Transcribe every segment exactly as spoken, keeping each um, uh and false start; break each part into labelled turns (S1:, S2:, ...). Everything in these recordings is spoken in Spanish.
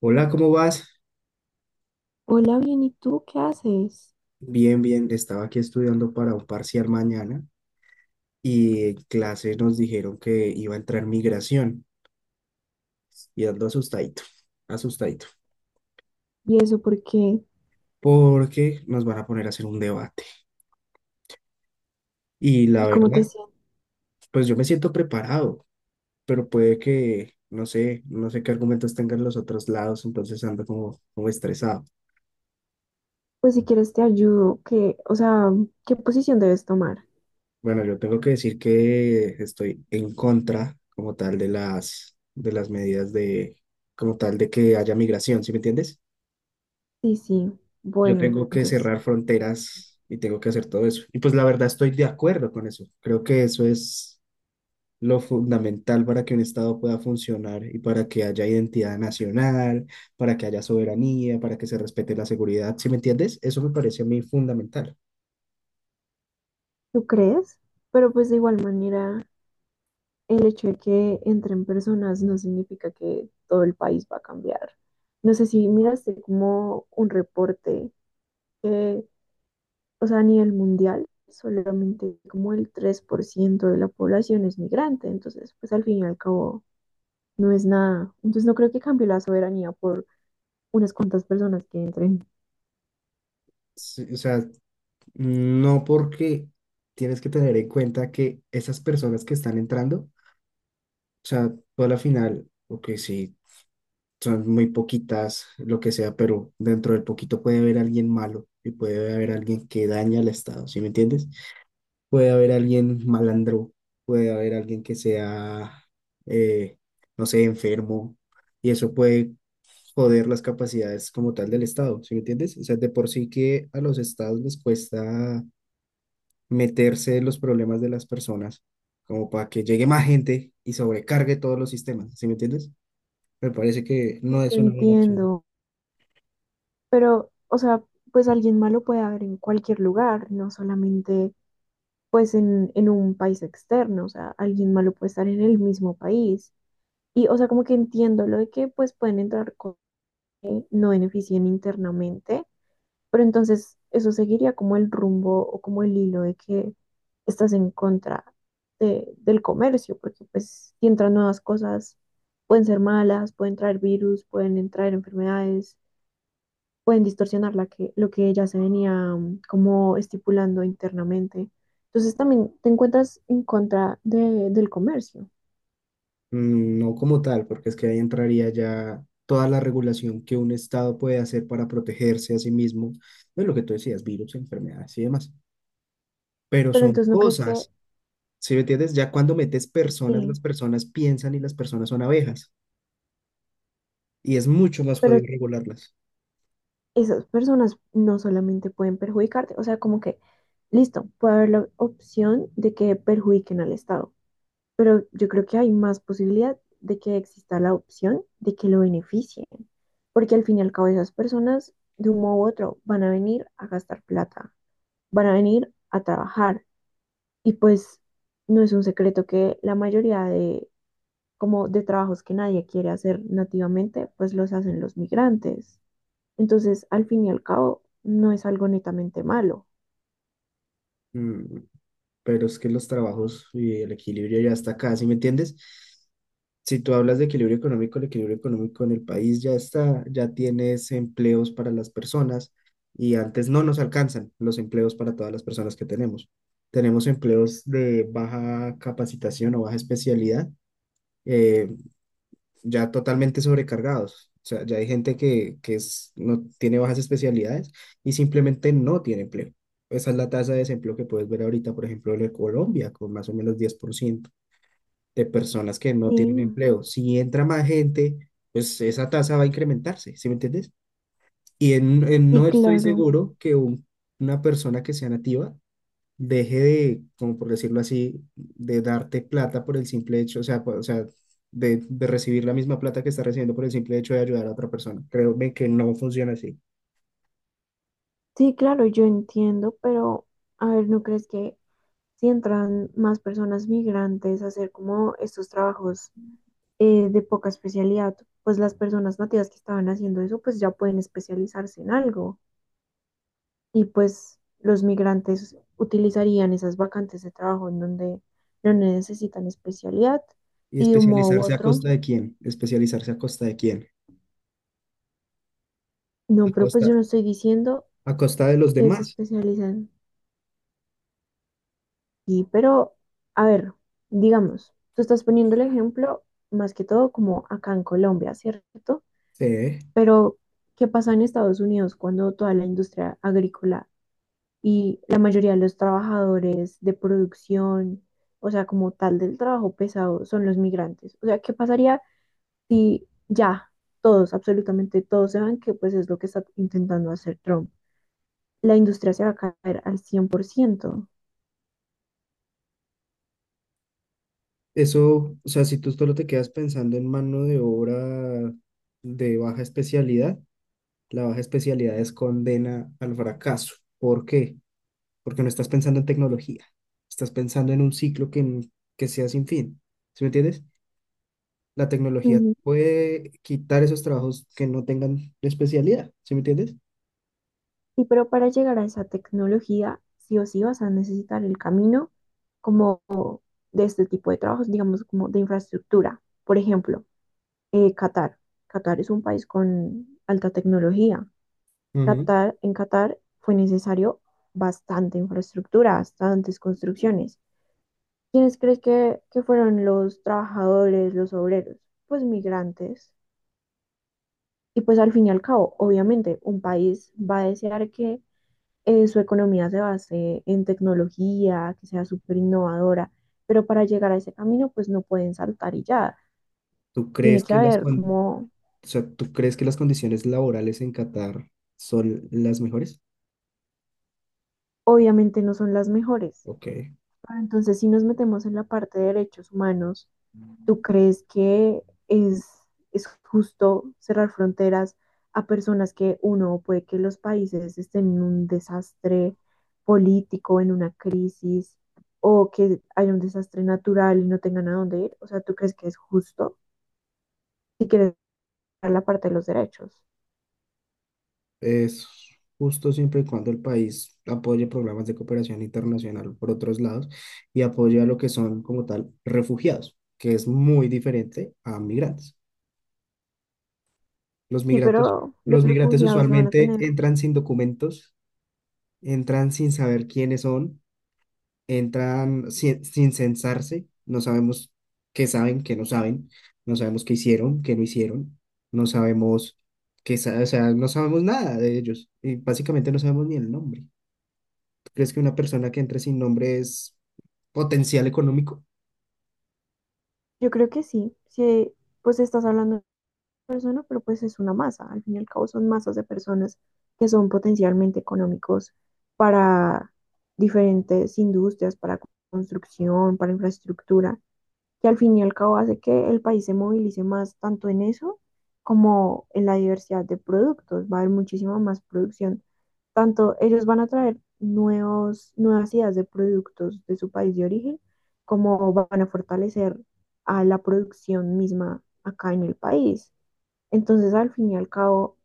S1: Hola, ¿cómo vas?
S2: Hola, bien, ¿y tú qué haces?
S1: Bien, bien. Estaba aquí estudiando para un parcial mañana y en clase nos dijeron que iba a entrar migración y ando asustadito, asustadito,
S2: ¿Y eso por qué?
S1: porque nos van a poner a hacer un debate. Y la
S2: ¿Y cómo te
S1: verdad,
S2: sientes?
S1: pues yo me siento preparado, pero puede que, no sé, no sé qué argumentos tengan los otros lados, entonces ando como, como estresado.
S2: Pues si quieres te ayudo, que, o sea, ¿qué posición debes tomar?
S1: Bueno, yo tengo que decir que estoy en contra como tal de las, de las medidas de, como tal de que haya migración, ¿sí me entiendes?
S2: Sí, sí,
S1: Yo
S2: bueno,
S1: tengo que
S2: entonces,
S1: cerrar fronteras y tengo que hacer todo eso. Y pues la verdad estoy de acuerdo con eso. Creo que eso es lo fundamental para que un Estado pueda funcionar y para que haya identidad nacional, para que haya soberanía, para que se respete la seguridad. ¿Sí me entiendes? Eso me parece a mí fundamental.
S2: ¿tú crees? Pero pues de igual manera, el hecho de que entren personas no significa que todo el país va a cambiar. No sé si miraste como un reporte que, o sea, a nivel mundial, solamente como el tres por ciento de la población es migrante, entonces, pues al fin y al cabo no es nada. Entonces no creo que cambie la soberanía por unas cuantas personas que entren.
S1: Sí. O sea, no porque tienes que tener en cuenta que esas personas que están entrando, o sea, tú a la final, ok, sí son muy poquitas, lo que sea, pero dentro del poquito puede haber alguien malo y puede haber alguien que daña al Estado, ¿sí me entiendes? Puede haber alguien malandro, puede haber alguien que sea, eh, no sé, enfermo, y eso puede joder las capacidades como tal del Estado, ¿sí me entiendes? O sea, de por sí que a los Estados les cuesta meterse en los problemas de las personas, como para que llegue más gente y sobrecargue todos los sistemas, ¿sí me entiendes? Me parece que no
S2: Te
S1: es una buena opción.
S2: entiendo, pero, o sea, pues alguien malo puede haber en cualquier lugar, no solamente pues en, en un país externo, o sea, alguien malo puede estar en el mismo país. Y, o sea, como que entiendo lo de que pues pueden entrar cosas que no beneficien internamente, pero entonces eso seguiría como el rumbo o como el hilo de que estás en contra de- del comercio, porque pues si entran nuevas cosas, pueden ser malas, pueden traer virus, pueden entrar enfermedades, pueden distorsionar la que, lo que ya se venía mm, como estipulando internamente. Entonces también te encuentras en contra de- del comercio,
S1: Mm, no como tal, porque es que ahí entraría ya toda la regulación que un Estado puede hacer para protegerse a sí mismo de lo que tú decías, virus, enfermedades y demás. Pero
S2: pero
S1: son
S2: entonces, ¿no crees que?
S1: cosas, ¿si me entiendes? Ya cuando metes personas,
S2: Sí,
S1: las personas piensan y las personas son abejas. Y es mucho más
S2: pero
S1: jodido regularlas.
S2: esas personas no solamente pueden perjudicarte, o sea, como que, listo, puede haber la opción de que perjudiquen al Estado, pero yo creo que hay más posibilidad de que exista la opción de que lo beneficien, porque al fin y al cabo esas personas, de un modo u otro, van a venir a gastar plata, van a venir a trabajar, y pues no es un secreto que la mayoría de, como de trabajos que nadie quiere hacer nativamente, pues los hacen los migrantes. Entonces, al fin y al cabo, no es algo netamente malo.
S1: Mm, pero es que los trabajos y el equilibrio ya está acá, ¿sí me entiendes? Si tú hablas de equilibrio económico, el equilibrio económico en el país ya está, ya tienes empleos para las personas y antes no nos alcanzan los empleos para todas las personas que tenemos. Tenemos empleos de baja capacitación o baja especialidad, eh, ya totalmente sobrecargados. O sea, ya hay gente que, que es, no tiene bajas especialidades y simplemente no tiene empleo. Esa es la tasa de desempleo que puedes ver ahorita, por ejemplo, de Colombia, con más o menos diez por ciento de personas que no tienen
S2: Sí,
S1: empleo. Si entra más gente, pues esa tasa va a incrementarse, ¿sí me entiendes? Y en, en- no
S2: sí,
S1: estoy
S2: claro.
S1: seguro que un- una persona que sea nativa deje de, como por decirlo así, de darte plata por el simple hecho, o sea, por- o sea, de, de recibir la misma plata que está recibiendo por el simple hecho de ayudar a otra persona. Créeme que no funciona así.
S2: Sí, claro, yo entiendo, pero a ver, ¿no crees que si entran más personas migrantes a hacer como estos trabajos eh, de poca especialidad, pues las personas nativas que estaban haciendo eso, pues ya pueden especializarse en algo? Y pues los migrantes utilizarían esas vacantes de trabajo en donde no necesitan especialidad
S1: ¿Y
S2: y de un modo u
S1: especializarse a
S2: otro.
S1: costa de quién? ¿Especializarse a costa de quién? A
S2: No, pero pues yo
S1: costa,
S2: no estoy diciendo
S1: a costa de los
S2: que se
S1: demás.
S2: especializan. Sí, pero, a ver, digamos, tú estás poniendo el ejemplo más que todo como acá en Colombia, ¿cierto?
S1: Sí.
S2: Pero, ¿qué pasa en Estados Unidos cuando toda la industria agrícola y la mayoría de los trabajadores de producción, o sea, como tal del trabajo pesado, son los migrantes? O sea, ¿qué pasaría si ya todos, absolutamente todos, se van, que pues es lo que está intentando hacer Trump? La industria se va a caer al cien por ciento.
S1: Eso, o sea, si tú solo te quedas pensando en mano de obra de baja especialidad, la baja especialidad es condena al fracaso. ¿Por qué? Porque no estás pensando en tecnología, estás pensando en un ciclo que, n- que sea sin fin, ¿sí me entiendes? La tecnología puede quitar esos trabajos que no tengan especialidad, ¿sí me entiendes?
S2: Y pero para llegar a esa tecnología, sí o sí vas a necesitar el camino como de este tipo de trabajos, digamos, como de infraestructura. Por ejemplo, eh, Qatar. Qatar es un país con alta tecnología.
S1: Ujú.
S2: Qatar, en Qatar fue necesario bastante infraestructura, bastantes construcciones. ¿Quiénes crees que, que fueron los trabajadores, los obreros? Pues migrantes. Y pues al fin y al cabo, obviamente, un país va a desear que eh, su economía se base en tecnología, que sea súper innovadora, pero para llegar a ese camino, pues no pueden saltar y ya.
S1: ¿Tú
S2: Tiene
S1: crees
S2: que
S1: que las,
S2: haber
S1: con-
S2: como,
S1: o sea, tú crees que las condiciones laborales en Qatar son las mejores?
S2: obviamente no son las mejores,
S1: Ok,
S2: pero entonces si nos metemos en la parte de derechos humanos, ¿tú crees que es, es justo cerrar fronteras a personas que uno puede que los países estén en un desastre político, en una crisis, o que haya un desastre natural y no tengan a dónde ir? O sea, ¿tú crees que es justo si quieres ver la parte de los derechos?
S1: es justo siempre y cuando el país apoye programas de cooperación internacional por otros lados y apoye a lo que son como tal refugiados, que es muy diferente a migrantes. Los
S2: Sí,
S1: migrantes,
S2: pero los
S1: los migrantes
S2: refugiados no van a
S1: usualmente
S2: tener.
S1: entran sin documentos, entran sin saber quiénes son, entran sin, sin censarse, no sabemos qué saben, qué no saben, no sabemos qué hicieron, qué no hicieron, no sabemos qué, sa- o sea, no sabemos nada de ellos y básicamente no sabemos ni el nombre. ¿Tú crees que una persona que entre sin nombre es potencial económico?
S2: Yo creo que sí. Si pues estás hablando persona, pero pues es una masa. Al fin y al cabo son masas de personas que son potencialmente económicos para diferentes industrias, para construcción, para infraestructura, que al fin y al cabo hace que el país se movilice más tanto en eso como en la diversidad de productos. Va a haber muchísima más producción. Tanto ellos van a traer nuevos, nuevas ideas de productos de su país de origen, como van a fortalecer a la producción misma acá en el país. Entonces, al fin y al cabo,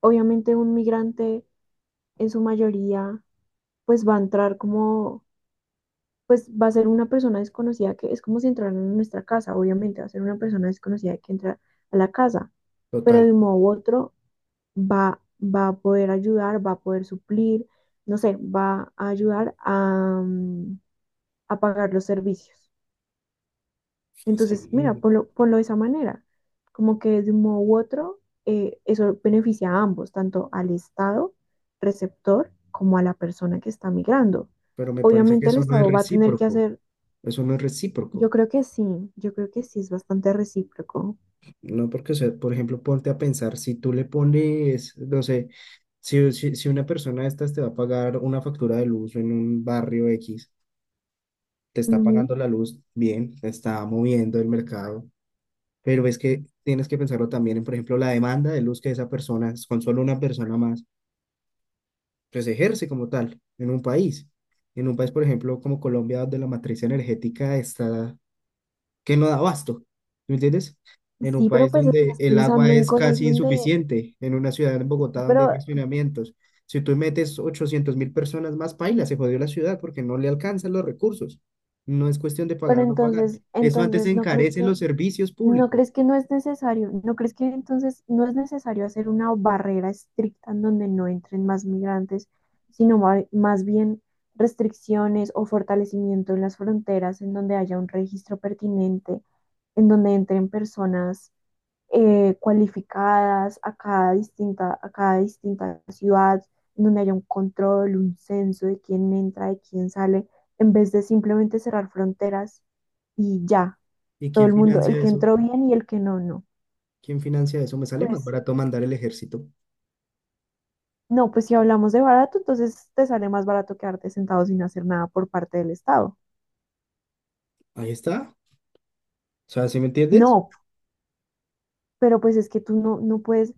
S2: obviamente un migrante en su mayoría, pues va a entrar como, pues va a ser una persona desconocida que es como si entraran en nuestra casa, obviamente va a ser una persona desconocida que entra a la casa, pero
S1: Total,
S2: de un modo u otro va, va a poder ayudar, va a poder suplir, no sé, va a ayudar a, mm, a pagar los servicios. Entonces, mira,
S1: sí,
S2: ponlo, ponlo de esa manera, como que de un modo u otro, eh, eso beneficia a ambos, tanto al Estado receptor como a la persona que está migrando.
S1: pero me parece que
S2: Obviamente el
S1: eso no es
S2: Estado va a tener que
S1: recíproco,
S2: hacer,
S1: eso no es
S2: yo
S1: recíproco.
S2: creo que sí, yo creo que sí es bastante recíproco.
S1: No, porque, o sea, por ejemplo, ponte a pensar, si tú le pones, no sé, si, si, si una persona de estas te va a pagar una factura de luz en un barrio X, te está
S2: Ujú.
S1: pagando la luz bien, te está moviendo el mercado, pero es que tienes que pensarlo también en, por ejemplo, la demanda de luz que esa persona, con solo una persona más, pues ejerce como tal en un país. En un país, por ejemplo, como Colombia, donde la matriz energética está que no da abasto, ¿me entiendes? En un
S2: Sí, pero
S1: país
S2: pues
S1: donde
S2: estás
S1: el agua
S2: pensando en
S1: es
S2: cosas
S1: casi
S2: donde,
S1: insuficiente, en una ciudad en Bogotá donde hay
S2: pero,
S1: racionamientos. Si tú metes ochocientos mil personas más, paila, se jodió la ciudad porque no le alcanzan los recursos. No es cuestión de
S2: pero
S1: pagar o no pagar.
S2: entonces,
S1: Eso antes
S2: entonces, ¿no crees
S1: encarece
S2: que?
S1: los servicios
S2: ¿No
S1: públicos.
S2: crees que no es necesario? ¿No crees que entonces no es necesario hacer una barrera estricta en donde no entren más migrantes, sino ma- más bien restricciones o fortalecimiento en las fronteras, en donde haya un registro pertinente, en donde entren personas eh, cualificadas a cada distinta, a cada distinta ciudad, en donde haya un control, un censo de quién entra, de quién sale, en vez de simplemente cerrar fronteras y ya?
S1: ¿Y
S2: Todo
S1: quién
S2: el mundo, el
S1: financia
S2: que
S1: eso?
S2: entró bien y el que no, no.
S1: ¿Quién financia eso? Me sale más
S2: Pues
S1: barato mandar el ejército.
S2: no, pues si hablamos de barato, entonces te sale más barato quedarte sentado sin hacer nada por parte del Estado.
S1: Ahí está. O sea, ¿sí me entiendes?
S2: No, pero pues es que tú no, no puedes,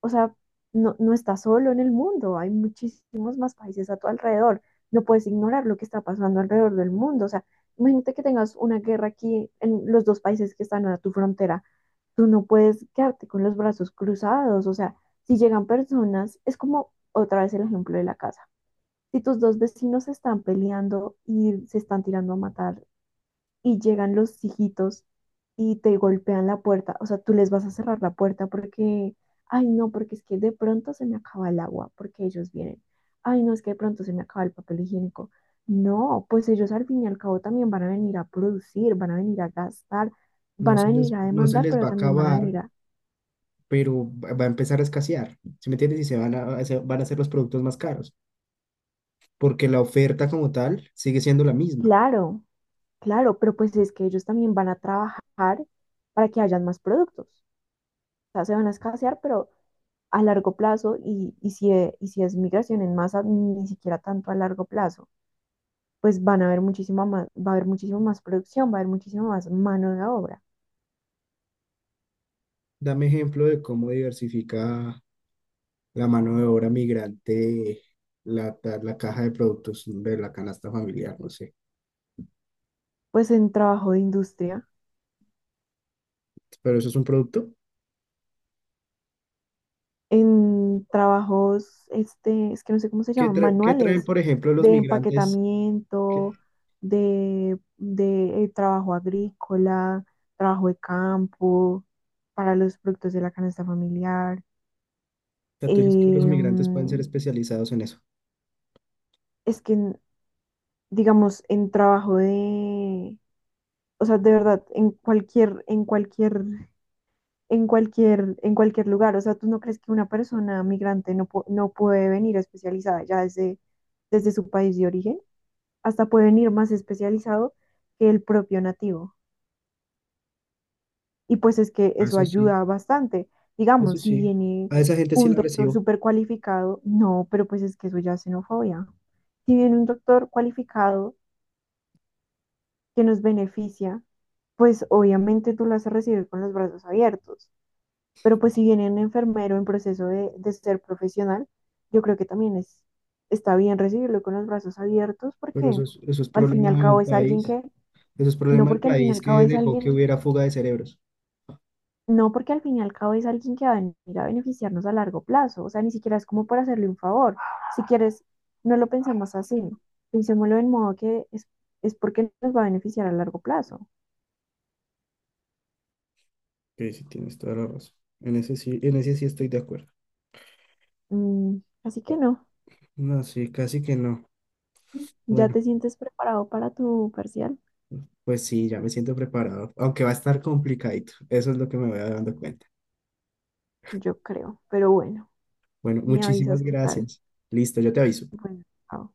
S2: o sea, no, no estás solo en el mundo, hay muchísimos más países a tu alrededor, no puedes ignorar lo que está pasando alrededor del mundo, o sea, imagínate que tengas una guerra aquí en los dos países que están a tu frontera, tú no puedes quedarte con los brazos cruzados, o sea, si llegan personas, es como otra vez el ejemplo de la casa. Si tus dos vecinos se están peleando y se están tirando a matar y llegan los hijitos y te golpean la puerta, o sea, tú les vas a cerrar la puerta porque, ay, no, porque es que de pronto se me acaba el agua, porque ellos vienen. Ay, no, es que de pronto se me acaba el papel higiénico. No, pues ellos al fin y al cabo también van a venir a producir, van a venir a gastar,
S1: No
S2: van a
S1: se les,
S2: venir a
S1: no se
S2: demandar,
S1: les va
S2: pero
S1: a
S2: también van a
S1: acabar,
S2: venir a...
S1: pero va va a empezar a escasear. ¿Sí me entiendes? Y se van a, se- van a hacer los productos más caros, porque la oferta como tal sigue siendo la misma.
S2: Claro, claro, pero pues es que ellos también van a trabajar para que hayan más productos. Sea, se van a escasear, pero a largo plazo, y, y si, e- y si es migración en masa, ni siquiera tanto a largo plazo, pues van a haber muchísima más, va a haber muchísimo más producción, va a haber muchísimo más mano de obra.
S1: Dame ejemplo de cómo diversifica la mano de obra migrante la, ta- la caja de productos de la canasta familiar, no sé.
S2: Pues en trabajo de industria,
S1: Pero eso es un producto.
S2: en trabajos, este, es que no sé cómo se
S1: ¿Qué,
S2: llaman,
S1: tra- qué traen,
S2: manuales
S1: por ejemplo, los
S2: de
S1: migrantes? ¿Qué- o
S2: empaquetamiento, de, de eh, trabajo agrícola, trabajo de campo, para los productos de la canasta familiar.
S1: sea, tú dices que los migrantes pueden ser
S2: em,
S1: especializados en eso.
S2: es que, en- digamos, en trabajo de, o sea, de verdad, en cualquier, en cualquier, en cualquier, en cualquier lugar, o sea, ¿tú no crees que una persona migrante no, pu- no puede venir especializada ya desde, desde su país de origen? Hasta puede venir más especializado que el propio nativo. Y pues es que
S1: Ah,
S2: eso
S1: eso sí,
S2: ayuda bastante.
S1: eso
S2: Digamos, si
S1: sí.
S2: viene
S1: A esa gente sí
S2: un
S1: la
S2: doctor
S1: recibo,
S2: súper cualificado, no, pero pues es que eso ya es xenofobia. Si viene un doctor cualificado, que nos beneficia, pues obviamente tú lo vas a recibir con los brazos abiertos. Pero pues si viene un enfermero en proceso de, de ser profesional, yo creo que también es, está bien recibirlo con los brazos abiertos
S1: pero
S2: porque
S1: eso es, eso es
S2: al fin y
S1: problema
S2: al
S1: de
S2: cabo
S1: un
S2: es alguien
S1: país.
S2: que,
S1: Eso es
S2: no
S1: problema del
S2: porque al fin y
S1: país
S2: al cabo
S1: que
S2: es
S1: dejó que
S2: alguien,
S1: hubiera fuga de cerebros.
S2: no porque al fin y al cabo es alguien que va a venir a beneficiarnos a largo plazo. O sea, ni siquiera es como por hacerle un favor. Si quieres, no lo pensemos así. Pensémoslo en modo que es, es porque nos va a beneficiar a largo plazo.
S1: Ok, sí, tienes toda la razón. En ese sí, en ese sí estoy de acuerdo.
S2: Mm, Así que no,
S1: No, sí, casi que no.
S2: ¿ya
S1: Bueno,
S2: te sientes preparado para tu parcial?
S1: pues sí, ya me siento preparado, aunque va a estar complicadito. Eso es lo que me voy dando cuenta.
S2: Yo creo, pero bueno,
S1: Bueno,
S2: me
S1: muchísimas
S2: avisas qué tal.
S1: gracias. Listo, yo te aviso.
S2: Bueno, chao.